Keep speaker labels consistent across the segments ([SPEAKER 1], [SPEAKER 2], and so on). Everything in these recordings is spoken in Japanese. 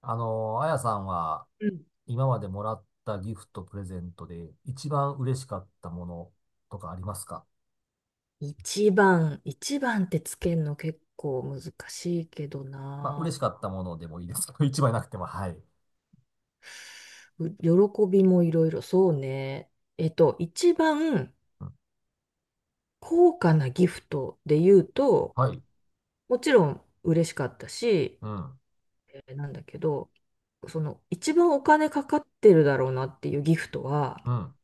[SPEAKER 1] あやさんは
[SPEAKER 2] うん。
[SPEAKER 1] 今までもらったギフト、プレゼントで一番嬉しかったものとかありますか？
[SPEAKER 2] 一番、一番ってつけるの結構難しいけど
[SPEAKER 1] まあ、
[SPEAKER 2] な。
[SPEAKER 1] 嬉しかったものでもいいですけど、一番なくても、はい。
[SPEAKER 2] 喜びもいろいろ、そうね。一番
[SPEAKER 1] うん、
[SPEAKER 2] 高価なギフトで言うと、
[SPEAKER 1] はい。
[SPEAKER 2] もちろん嬉しかったし、
[SPEAKER 1] うん。
[SPEAKER 2] なんだけど、その一番お金かかってるだろうなっていうギフトは、
[SPEAKER 1] うん。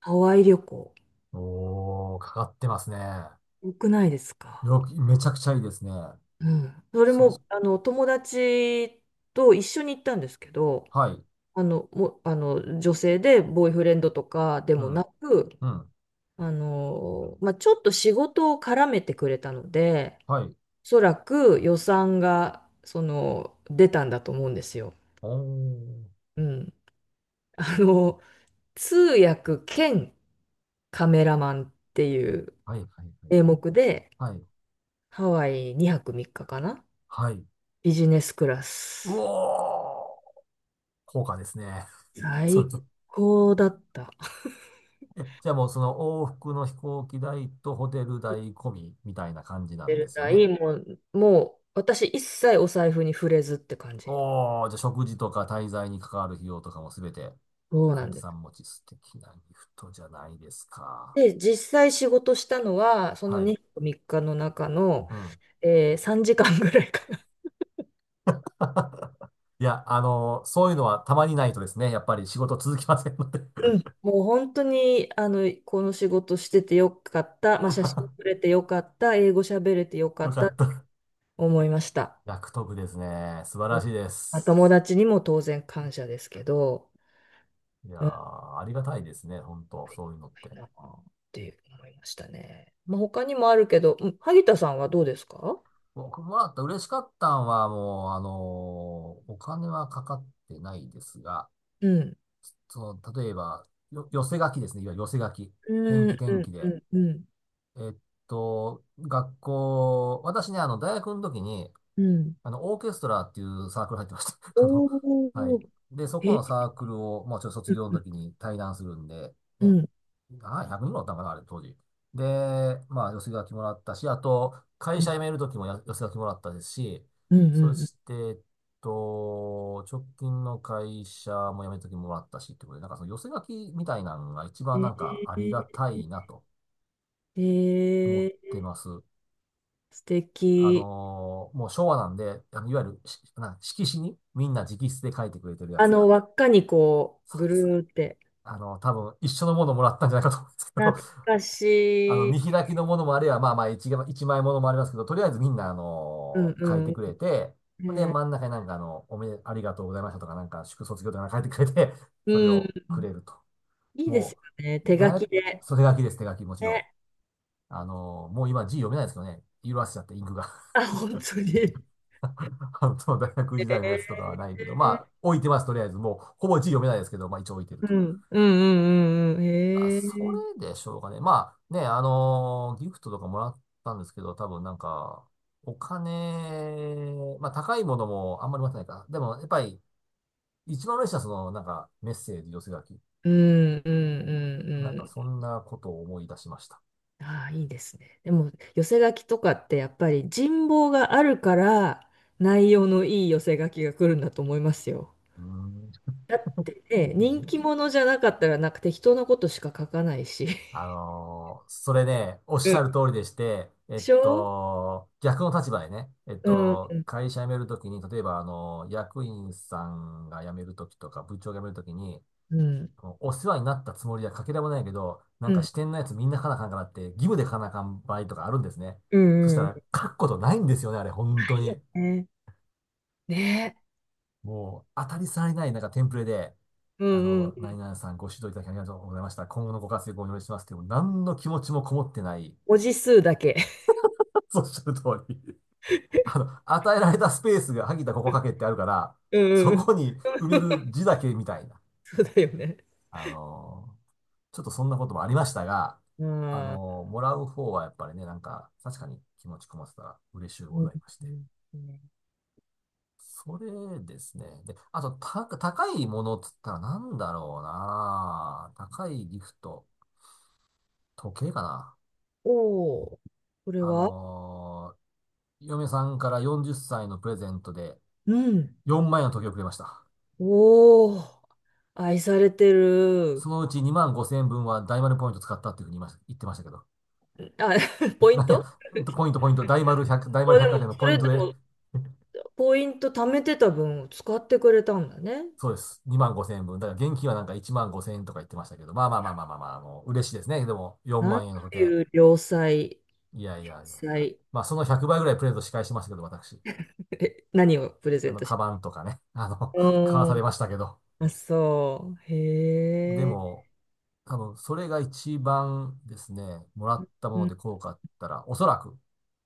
[SPEAKER 2] ハワイ旅行。
[SPEAKER 1] おー、かかってますね。
[SPEAKER 2] 多くないですか？
[SPEAKER 1] よく、めちゃくちゃいいですね。
[SPEAKER 2] うん。それ
[SPEAKER 1] す、
[SPEAKER 2] も、友達と一緒に行ったんですけど、
[SPEAKER 1] はい。
[SPEAKER 2] あの、も、あの、女性でボーイフレンドとかで
[SPEAKER 1] う
[SPEAKER 2] もな
[SPEAKER 1] ん。
[SPEAKER 2] く、
[SPEAKER 1] うん。
[SPEAKER 2] まあ、ちょっと仕事を絡めてくれたので、
[SPEAKER 1] はい。
[SPEAKER 2] おそらく予算が、出たんだと思うんですよ。
[SPEAKER 1] おー。
[SPEAKER 2] うん。あの、通訳兼カメラマンっていう
[SPEAKER 1] はい、はい、はい、
[SPEAKER 2] 名
[SPEAKER 1] はい。
[SPEAKER 2] 目で、
[SPEAKER 1] はい。
[SPEAKER 2] ハワイ2泊3日かかな。
[SPEAKER 1] はい。
[SPEAKER 2] ビジネスクラ
[SPEAKER 1] う
[SPEAKER 2] ス。
[SPEAKER 1] おー。高価ですね。それ
[SPEAKER 2] 最高だった。
[SPEAKER 1] え、じゃあもうその往復の飛行機代とホテル代込みみたいな感じな
[SPEAKER 2] 出
[SPEAKER 1] んで
[SPEAKER 2] る
[SPEAKER 1] すよ
[SPEAKER 2] 代
[SPEAKER 1] ね。
[SPEAKER 2] もう、私一切お財布に触れずって感じ。
[SPEAKER 1] おー、じゃあ食事とか滞在に関わる費用とかもすべて、
[SPEAKER 2] そうな
[SPEAKER 1] 相
[SPEAKER 2] ん
[SPEAKER 1] 手
[SPEAKER 2] で
[SPEAKER 1] さ
[SPEAKER 2] す。
[SPEAKER 1] ん持ち素敵なギフトじゃないですか。
[SPEAKER 2] で、実際仕事したのは、その
[SPEAKER 1] はい。
[SPEAKER 2] 2日3日の中の、
[SPEAKER 1] うん。
[SPEAKER 2] 3時間ぐらいかな。
[SPEAKER 1] いや、そういうのはたまにないとですね、やっぱり仕事続きませんので。
[SPEAKER 2] うん。もう本当に、この仕事しててよかった。まあ、写真撮れてよかった。英語喋れてよか
[SPEAKER 1] よ
[SPEAKER 2] っ
[SPEAKER 1] か
[SPEAKER 2] た。
[SPEAKER 1] った。
[SPEAKER 2] 思いました。
[SPEAKER 1] 役得ですね。素晴
[SPEAKER 2] う
[SPEAKER 1] ら
[SPEAKER 2] ん。
[SPEAKER 1] しいで
[SPEAKER 2] まあ、
[SPEAKER 1] す。
[SPEAKER 2] 友達にも当然感謝ですけど、
[SPEAKER 1] いやー、
[SPEAKER 2] うん、
[SPEAKER 1] ありがたいですね、本当そういうのって。
[SPEAKER 2] なあって思いましたね。まあ、他にもあるけど、うん、萩田さんはどうですか？
[SPEAKER 1] 僕もらった嬉しかったんは、もう、お金はかかってないですが、
[SPEAKER 2] うん。
[SPEAKER 1] 例えば、寄せ書きですね。いわゆる寄せ書き。
[SPEAKER 2] う
[SPEAKER 1] 天
[SPEAKER 2] ん、う
[SPEAKER 1] 気天気
[SPEAKER 2] ん、う
[SPEAKER 1] で。
[SPEAKER 2] ん、うん。
[SPEAKER 1] えっ学校、私ね、大学の時に、
[SPEAKER 2] うん。
[SPEAKER 1] オーケストラっていうサークル入ってました。あの、
[SPEAKER 2] お
[SPEAKER 1] はい。
[SPEAKER 2] ー、
[SPEAKER 1] で、そこ
[SPEAKER 2] え、
[SPEAKER 1] のサークルを、もうちょっと卒
[SPEAKER 2] うん、
[SPEAKER 1] 業
[SPEAKER 2] う
[SPEAKER 1] の
[SPEAKER 2] ん、
[SPEAKER 1] 時に対談するんで、
[SPEAKER 2] う
[SPEAKER 1] ね。
[SPEAKER 2] ん。
[SPEAKER 1] ああ、100人ぐらいおったんかな、あれ、当時。で、まあ、寄せ書きもらったし、あと、会
[SPEAKER 2] うん
[SPEAKER 1] 社辞める時も寄せ書きもらったですし、
[SPEAKER 2] う
[SPEAKER 1] そ
[SPEAKER 2] んう
[SPEAKER 1] して、直近の会社も辞める時ももらったし、ってことで、なんかその寄せ書きみたいなのが一番
[SPEAKER 2] ん。
[SPEAKER 1] なん
[SPEAKER 2] え
[SPEAKER 1] かありがたい
[SPEAKER 2] ー、
[SPEAKER 1] なと
[SPEAKER 2] え
[SPEAKER 1] 思って
[SPEAKER 2] ー、
[SPEAKER 1] ます。
[SPEAKER 2] 素敵。
[SPEAKER 1] もう昭和なんで、いわゆる色紙にみんな直筆で書いてくれてるやつが、
[SPEAKER 2] 輪っかにこ
[SPEAKER 1] そ
[SPEAKER 2] う、
[SPEAKER 1] う
[SPEAKER 2] ぐ
[SPEAKER 1] です。
[SPEAKER 2] るーって。
[SPEAKER 1] 多分一緒のものもらったんじゃないかと思うんですけ
[SPEAKER 2] 懐
[SPEAKER 1] ど、
[SPEAKER 2] か し
[SPEAKER 1] 見
[SPEAKER 2] い。
[SPEAKER 1] 開きのものもあれば、まあまあ一枚ものもありますけど、とりあえずみんな、ー
[SPEAKER 2] うん
[SPEAKER 1] 書いて
[SPEAKER 2] う
[SPEAKER 1] くれて、ほん
[SPEAKER 2] ん。
[SPEAKER 1] で、
[SPEAKER 2] えー、
[SPEAKER 1] 真ん中になんかあの、おめで、ありがとうございましたとか、なんか、祝卒業とかなんか書いてくれて、それ
[SPEAKER 2] うん。
[SPEAKER 1] をくれると。
[SPEAKER 2] いいです
[SPEAKER 1] も
[SPEAKER 2] よね。
[SPEAKER 1] う、
[SPEAKER 2] 手書
[SPEAKER 1] 大
[SPEAKER 2] き
[SPEAKER 1] 学、
[SPEAKER 2] で。
[SPEAKER 1] それ手書きです、手書き、もちろん。
[SPEAKER 2] ね。
[SPEAKER 1] もう今字読めないですけどね、色あせちゃって、インクが。
[SPEAKER 2] あ、本当に。え
[SPEAKER 1] 関東大学時代のやつとか
[SPEAKER 2] ー、
[SPEAKER 1] はないけど、まあ、置いてます、とりあえず。もう、ほぼ字読めないですけど、まあ、一応置いてる
[SPEAKER 2] う
[SPEAKER 1] と。
[SPEAKER 2] ん、うんうんうんうん。
[SPEAKER 1] あ、
[SPEAKER 2] え
[SPEAKER 1] そ
[SPEAKER 2] ー、
[SPEAKER 1] れでしょうかね。まあ、ね、ギフトとかもらったんですけど、多分なんか、お金、まあ、高いものもあんまり持ってないか。でも、やっぱり、一番嬉しいのは、その、なんか、メッセージ、寄せ書き。
[SPEAKER 2] うんうんうん
[SPEAKER 1] なん
[SPEAKER 2] う
[SPEAKER 1] か、
[SPEAKER 2] ん。
[SPEAKER 1] そんなことを思い出しました。
[SPEAKER 2] ああ、いいですね。でも、寄せ書きとかってやっぱり人望があるから、内容のいい寄せ書きが来るんだと思いますよ。
[SPEAKER 1] うーん、
[SPEAKER 2] だってね、人気
[SPEAKER 1] 人
[SPEAKER 2] 者じゃなかったらなんか適当なことしか書かないし。
[SPEAKER 1] あのーそれね、おっ
[SPEAKER 2] う
[SPEAKER 1] しゃ
[SPEAKER 2] ん。
[SPEAKER 1] る通りでして、
[SPEAKER 2] でしょ。
[SPEAKER 1] 逆の立場でね、
[SPEAKER 2] うん、うん、
[SPEAKER 1] 会社辞めるときに、例えば、役員さんが辞めるときとか、部長が辞めるときに、
[SPEAKER 2] うん、
[SPEAKER 1] お世話になったつもりはかけらもないけど、な
[SPEAKER 2] う
[SPEAKER 1] んか
[SPEAKER 2] ん、
[SPEAKER 1] 支店のやつみんな書かなあかんからって、義務で書かなあかん場合とかあるんですね。
[SPEAKER 2] う
[SPEAKER 1] そした
[SPEAKER 2] ん。うん。
[SPEAKER 1] ら、書くことないんですよね、あれ、本
[SPEAKER 2] な
[SPEAKER 1] 当
[SPEAKER 2] いよ
[SPEAKER 1] に。
[SPEAKER 2] ね。ね。
[SPEAKER 1] もう、当たり障りない、なんかテンプレで、
[SPEAKER 2] うんうん。
[SPEAKER 1] 何々さんご指導いただきありがとうございました。今後のご活躍をお祈りしますっていう、もう何の気持ちもこもってない、
[SPEAKER 2] 文字数だけ。
[SPEAKER 1] そうおっしゃる通り。与えられたスペースが、萩田ここ書けってあるから、
[SPEAKER 2] う
[SPEAKER 1] そ
[SPEAKER 2] んうん。
[SPEAKER 1] こに埋める 字だけみたいな。
[SPEAKER 2] そうだよね。
[SPEAKER 1] あのーちょっとそんなこともありましたが、
[SPEAKER 2] ああ。
[SPEAKER 1] もらう方はやっぱりね、なんか、確かに気持ちこもってたら嬉しゅう
[SPEAKER 2] う
[SPEAKER 1] ご
[SPEAKER 2] ん
[SPEAKER 1] ざいまし
[SPEAKER 2] う
[SPEAKER 1] て。
[SPEAKER 2] んうん。
[SPEAKER 1] それですね。で、あと、高いものっつったらなんだろうな。高いギフト。時計かな。
[SPEAKER 2] おおー。これ
[SPEAKER 1] あ
[SPEAKER 2] は。
[SPEAKER 1] のー嫁さんから40歳のプレゼントで
[SPEAKER 2] うん。
[SPEAKER 1] 4万円の時計をくれました。
[SPEAKER 2] おお。愛されてる。
[SPEAKER 1] そのうち2万5千円分は大丸ポイント使ったっていうふうに言ってましたけど。
[SPEAKER 2] あ、ポイン
[SPEAKER 1] なんや、
[SPEAKER 2] ト
[SPEAKER 1] ポイント、ポイント、大丸
[SPEAKER 2] あ、で
[SPEAKER 1] 百貨
[SPEAKER 2] も、
[SPEAKER 1] 店の
[SPEAKER 2] そ
[SPEAKER 1] ポイン
[SPEAKER 2] れ
[SPEAKER 1] ト
[SPEAKER 2] で
[SPEAKER 1] で、
[SPEAKER 2] も、ポイント貯めてた分を使ってくれたんだね。
[SPEAKER 1] そうです。2万5千円分。だから現金はなんか1万5千円とか言ってましたけど、まあまあまあまあまあまあ、もう嬉しいですね。でも、4
[SPEAKER 2] なん
[SPEAKER 1] 万円の時
[SPEAKER 2] て
[SPEAKER 1] 計。
[SPEAKER 2] いう良妻、
[SPEAKER 1] いやいやいやいや。
[SPEAKER 2] 妻、
[SPEAKER 1] まあ、その100倍ぐらいプレゼント仕返しましたけど、私。
[SPEAKER 2] え、何をプレゼントし
[SPEAKER 1] カバンとかね、
[SPEAKER 2] た？
[SPEAKER 1] 買わ
[SPEAKER 2] う
[SPEAKER 1] され
[SPEAKER 2] ん。
[SPEAKER 1] ましたけど。
[SPEAKER 2] あ、そう。
[SPEAKER 1] で
[SPEAKER 2] へえ。
[SPEAKER 1] も、多分、それが一番ですね、もらった
[SPEAKER 2] う
[SPEAKER 1] もの
[SPEAKER 2] ん
[SPEAKER 1] で効果あったら、おそらく、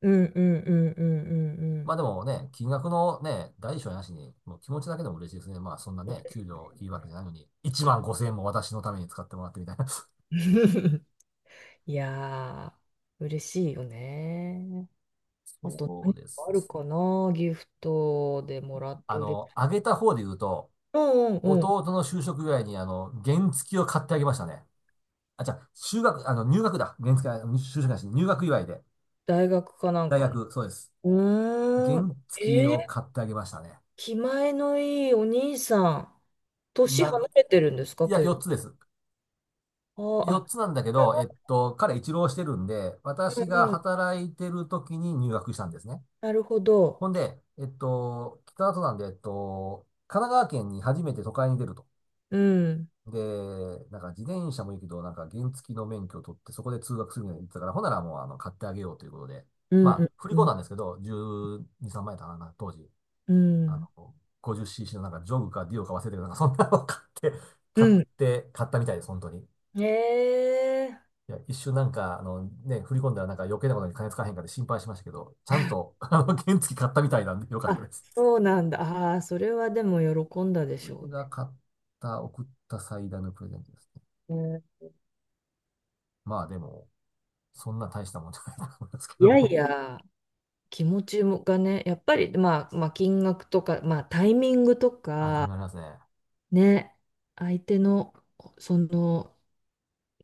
[SPEAKER 2] うんうんうんうんうんう
[SPEAKER 1] ま
[SPEAKER 2] ん。
[SPEAKER 1] あでもね、金額のね、大小なしに、もう気持ちだけでも嬉しいですね。まあそんな
[SPEAKER 2] そう
[SPEAKER 1] ね、
[SPEAKER 2] です
[SPEAKER 1] 給
[SPEAKER 2] ね。
[SPEAKER 1] 料いいわけじゃないのに、1万5千円も私のために使ってもらってみたいな。
[SPEAKER 2] いやー、嬉しいよね。あと
[SPEAKER 1] そ
[SPEAKER 2] 何
[SPEAKER 1] う
[SPEAKER 2] か
[SPEAKER 1] です
[SPEAKER 2] あ
[SPEAKER 1] ね。
[SPEAKER 2] るかな、ギフトでもらって嬉しい。
[SPEAKER 1] あげた方で言うと、
[SPEAKER 2] うんうん。
[SPEAKER 1] 弟の就職祝いに原付きを買ってあげましたね。あ、じゃあ、就学、あの、入学だ。原付き、就職なし、入学祝いで。
[SPEAKER 2] 大学かなん
[SPEAKER 1] 大
[SPEAKER 2] かの？
[SPEAKER 1] 学、そうです。原
[SPEAKER 2] うーん。
[SPEAKER 1] 付き
[SPEAKER 2] え
[SPEAKER 1] を
[SPEAKER 2] ー、
[SPEAKER 1] 買ってあげましたね。
[SPEAKER 2] 気前のいいお兄さん。年
[SPEAKER 1] なん、
[SPEAKER 2] 離れてるんですか、
[SPEAKER 1] いや、4
[SPEAKER 2] 結
[SPEAKER 1] つです。
[SPEAKER 2] 構？あー
[SPEAKER 1] 4
[SPEAKER 2] あ。
[SPEAKER 1] つなんだけど、彼一浪してるんで、私
[SPEAKER 2] うん
[SPEAKER 1] が
[SPEAKER 2] うん、
[SPEAKER 1] 働いてる時に入学したんですね。
[SPEAKER 2] なるほど。
[SPEAKER 1] ほんで、北里なんで、神奈川県に初めて都会に出ると。
[SPEAKER 2] うん、
[SPEAKER 1] で、なんか自転車もいいけど、なんか原付の免許を取ってそこで通学するみたいに言ってたから、ほんならもう買ってあげようということで。
[SPEAKER 2] うん、
[SPEAKER 1] まあ、
[SPEAKER 2] う
[SPEAKER 1] 振り
[SPEAKER 2] んう
[SPEAKER 1] 込ん
[SPEAKER 2] ん、
[SPEAKER 1] だんですけど、12、3万円だったかな、当時。
[SPEAKER 2] う
[SPEAKER 1] あ
[SPEAKER 2] ん、
[SPEAKER 1] の、50cc のなんかジョグかディオか忘れてるけど、なんかそんなの買っ
[SPEAKER 2] う
[SPEAKER 1] 買ったみたいです、本当に。
[SPEAKER 2] ん。えー、
[SPEAKER 1] いや、一瞬なんか、振り込んだらなんか余計なことに金使わへんかで心配しましたけど、ちゃんと、原付買ったみたいなんでよかっ
[SPEAKER 2] あ、
[SPEAKER 1] たです。
[SPEAKER 2] そうなんだ。ああ、それはでも喜んだでし
[SPEAKER 1] れ
[SPEAKER 2] ょ
[SPEAKER 1] が買った、送った最大のプレゼントですね。
[SPEAKER 2] うね。
[SPEAKER 1] まあでも、そんな大したもんじゃないと思いますけ
[SPEAKER 2] い
[SPEAKER 1] ど
[SPEAKER 2] やい
[SPEAKER 1] も。
[SPEAKER 2] や、気持ちもがね、やっぱり、まあ、まあ、金額とか、まあ、タイミングと
[SPEAKER 1] あ、タイ
[SPEAKER 2] か、
[SPEAKER 1] ムありますね。
[SPEAKER 2] ね、相手の、その、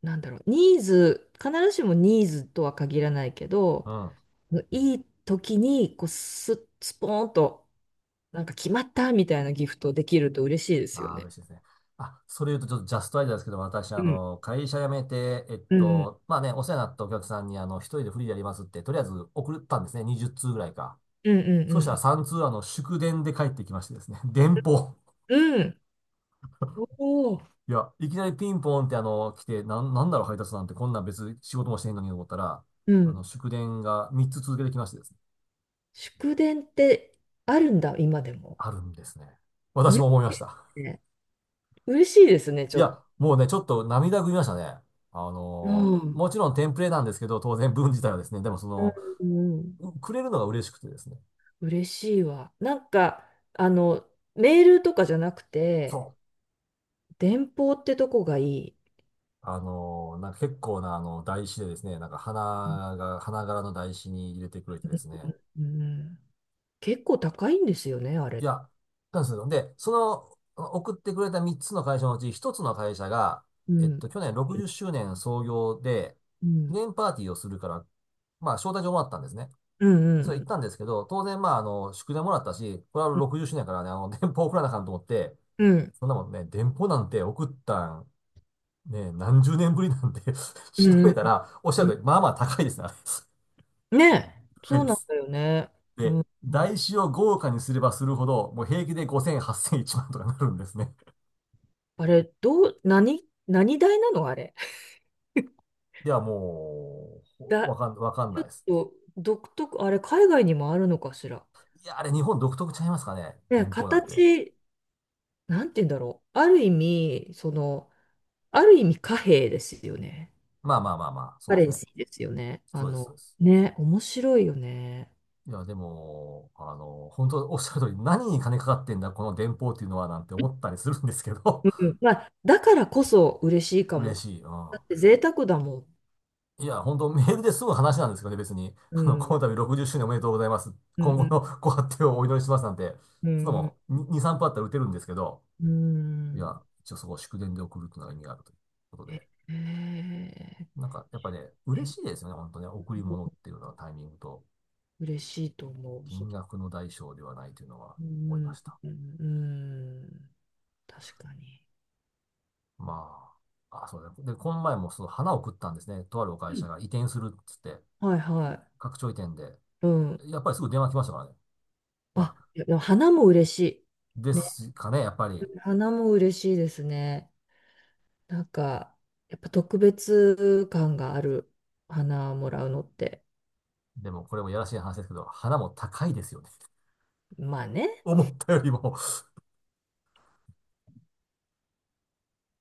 [SPEAKER 2] なんだろう、ニーズ、必ずしもニーズとは限らないけど、
[SPEAKER 1] うん。
[SPEAKER 2] いい時に、こう、スポーンと、なんか決まったみたいなギフトできると嬉しいですよ
[SPEAKER 1] ああ、嬉
[SPEAKER 2] ね。
[SPEAKER 1] しいですね。あ、それ言うとちょっとジャストアイデアですけど、私、
[SPEAKER 2] うん。
[SPEAKER 1] 会社辞めて、
[SPEAKER 2] うん。
[SPEAKER 1] まあね、お世話になったお客さんに、一人でフリーでやりますって、とりあえず送ったんですね。20通ぐらいか。
[SPEAKER 2] うんう
[SPEAKER 1] そしたら
[SPEAKER 2] ん
[SPEAKER 1] 3通、祝電で帰ってきましてですね。電報。
[SPEAKER 2] うん。うん。おお。
[SPEAKER 1] いや、いきなりピンポンって、来て、なんだろう、配達なんて、こんなん別に仕事もしてへんのにと思ったら、
[SPEAKER 2] うん。
[SPEAKER 1] 祝電が3つ続けてきましてですね、
[SPEAKER 2] 祝電ってあるんだ、今でも。
[SPEAKER 1] あるんですね。私
[SPEAKER 2] 嬉
[SPEAKER 1] も思いま
[SPEAKER 2] しい
[SPEAKER 1] し
[SPEAKER 2] で
[SPEAKER 1] た。
[SPEAKER 2] すね。嬉しいですね、ち
[SPEAKER 1] い
[SPEAKER 2] ょっと。
[SPEAKER 1] や、もうね、ちょっと涙ぐみましたね。
[SPEAKER 2] うん。うん
[SPEAKER 1] もちろんテンプレなんですけど、当然文自体はですね、でもその、
[SPEAKER 2] うん。
[SPEAKER 1] くれるのが嬉しくてですね。
[SPEAKER 2] 嬉しいわ。なんか、あの、メールとかじゃなく
[SPEAKER 1] そ
[SPEAKER 2] て、
[SPEAKER 1] う。
[SPEAKER 2] 電報ってとこがいい。
[SPEAKER 1] なんか結構な台紙でですね、なんか花柄の台紙に入れてくれてですね。
[SPEAKER 2] うん、結構高いんですよね、あ
[SPEAKER 1] い
[SPEAKER 2] れ。
[SPEAKER 1] や、なんですよ。で、その、送ってくれた3つの会社のうち1つの会社が、
[SPEAKER 2] うん、
[SPEAKER 1] 去年60周年創業で、
[SPEAKER 2] う
[SPEAKER 1] 記
[SPEAKER 2] ん、
[SPEAKER 1] 念パーティーをするから、まあ、招待状もらったんですね。
[SPEAKER 2] うん、う
[SPEAKER 1] それ行っ
[SPEAKER 2] ん、
[SPEAKER 1] たんですけど、当然、まあ、宿題もらったし、これは60周年やからね、電報送らなあかんと思って、
[SPEAKER 2] うん、
[SPEAKER 1] そんなもんね、電報なんて送ったん、ね、何十年ぶりなんで、
[SPEAKER 2] う
[SPEAKER 1] 調べ
[SPEAKER 2] ん、
[SPEAKER 1] たら、おっしゃ
[SPEAKER 2] う
[SPEAKER 1] る
[SPEAKER 2] ん。
[SPEAKER 1] とり、まあまあ高いですね、あれ。
[SPEAKER 2] ねえ、
[SPEAKER 1] 高い
[SPEAKER 2] そう
[SPEAKER 1] で
[SPEAKER 2] なん
[SPEAKER 1] す。
[SPEAKER 2] だよね。う
[SPEAKER 1] で、
[SPEAKER 2] ん、うん。
[SPEAKER 1] 台紙を豪華にすればするほど、もう平気で5000、8000、1万とかなるんですね。
[SPEAKER 2] あれ、どう、何、何代なのあれ？
[SPEAKER 1] いや、もう、
[SPEAKER 2] だ、
[SPEAKER 1] わかんないです。
[SPEAKER 2] お独特、あれ、海外にもあるのかしら？
[SPEAKER 1] いや、あれ日本独特ちゃいますかね、
[SPEAKER 2] ね、
[SPEAKER 1] 電報なんて。
[SPEAKER 2] 形、なんて言うんだろう。ある意味貨幣ですよね。
[SPEAKER 1] まあまあまあまあ、そ
[SPEAKER 2] カ
[SPEAKER 1] うで
[SPEAKER 2] レ
[SPEAKER 1] す
[SPEAKER 2] ン
[SPEAKER 1] ね。
[SPEAKER 2] シーですよね。
[SPEAKER 1] そうです、そうです。
[SPEAKER 2] ね、面白いよね。
[SPEAKER 1] いや、でも、本当おっしゃる通り、何に金かかってんだ、この電報っていうのは、なんて思ったりするんですけど、
[SPEAKER 2] うん、まあ、だからこそ嬉しい か
[SPEAKER 1] 嬉
[SPEAKER 2] も。
[SPEAKER 1] しい。うん。
[SPEAKER 2] だって贅沢だもん。
[SPEAKER 1] いや、本当メールですぐ話なんですけどね、別に。
[SPEAKER 2] う
[SPEAKER 1] こ
[SPEAKER 2] ん、
[SPEAKER 1] の度60周年おめでとうございます。
[SPEAKER 2] う
[SPEAKER 1] 今後
[SPEAKER 2] ん、
[SPEAKER 1] の ご発展をお祈りしますなんて、
[SPEAKER 2] う
[SPEAKER 1] そんな
[SPEAKER 2] ん、
[SPEAKER 1] もん、2、3分あったら打てるんですけど、
[SPEAKER 2] うん。う
[SPEAKER 1] いや、
[SPEAKER 2] ん。
[SPEAKER 1] 一応そこを祝電で送るっていうのが意味があるということで。
[SPEAKER 2] へ
[SPEAKER 1] なんか、やっぱね、嬉
[SPEAKER 2] え。
[SPEAKER 1] しいですよね、本当ね。贈り物っていうのはタイミングと、
[SPEAKER 2] 嬉しいと思う。そう。
[SPEAKER 1] 金額の代償ではないというのは
[SPEAKER 2] う
[SPEAKER 1] 思いま
[SPEAKER 2] ん、
[SPEAKER 1] した。
[SPEAKER 2] うん、うん。確かに。
[SPEAKER 1] まあ、あ、そうだね。で、この前もその花を食ったんですね。とあるお
[SPEAKER 2] う
[SPEAKER 1] 会社
[SPEAKER 2] ん。
[SPEAKER 1] が移転するっつって、
[SPEAKER 2] はいは
[SPEAKER 1] 拡張移転で。
[SPEAKER 2] い。うん。
[SPEAKER 1] やっぱりすぐ電話来ましたからね。ま
[SPEAKER 2] あ、
[SPEAKER 1] あ、
[SPEAKER 2] いやでも花も嬉し
[SPEAKER 1] で
[SPEAKER 2] い。ね。
[SPEAKER 1] すかね、やっぱり。
[SPEAKER 2] 花も嬉しいですね。なんか、やっぱ特別感がある花もらうのって。
[SPEAKER 1] でもこれもやらしい話ですけど、花も高いですよね。
[SPEAKER 2] まあね。
[SPEAKER 1] 思ったよりも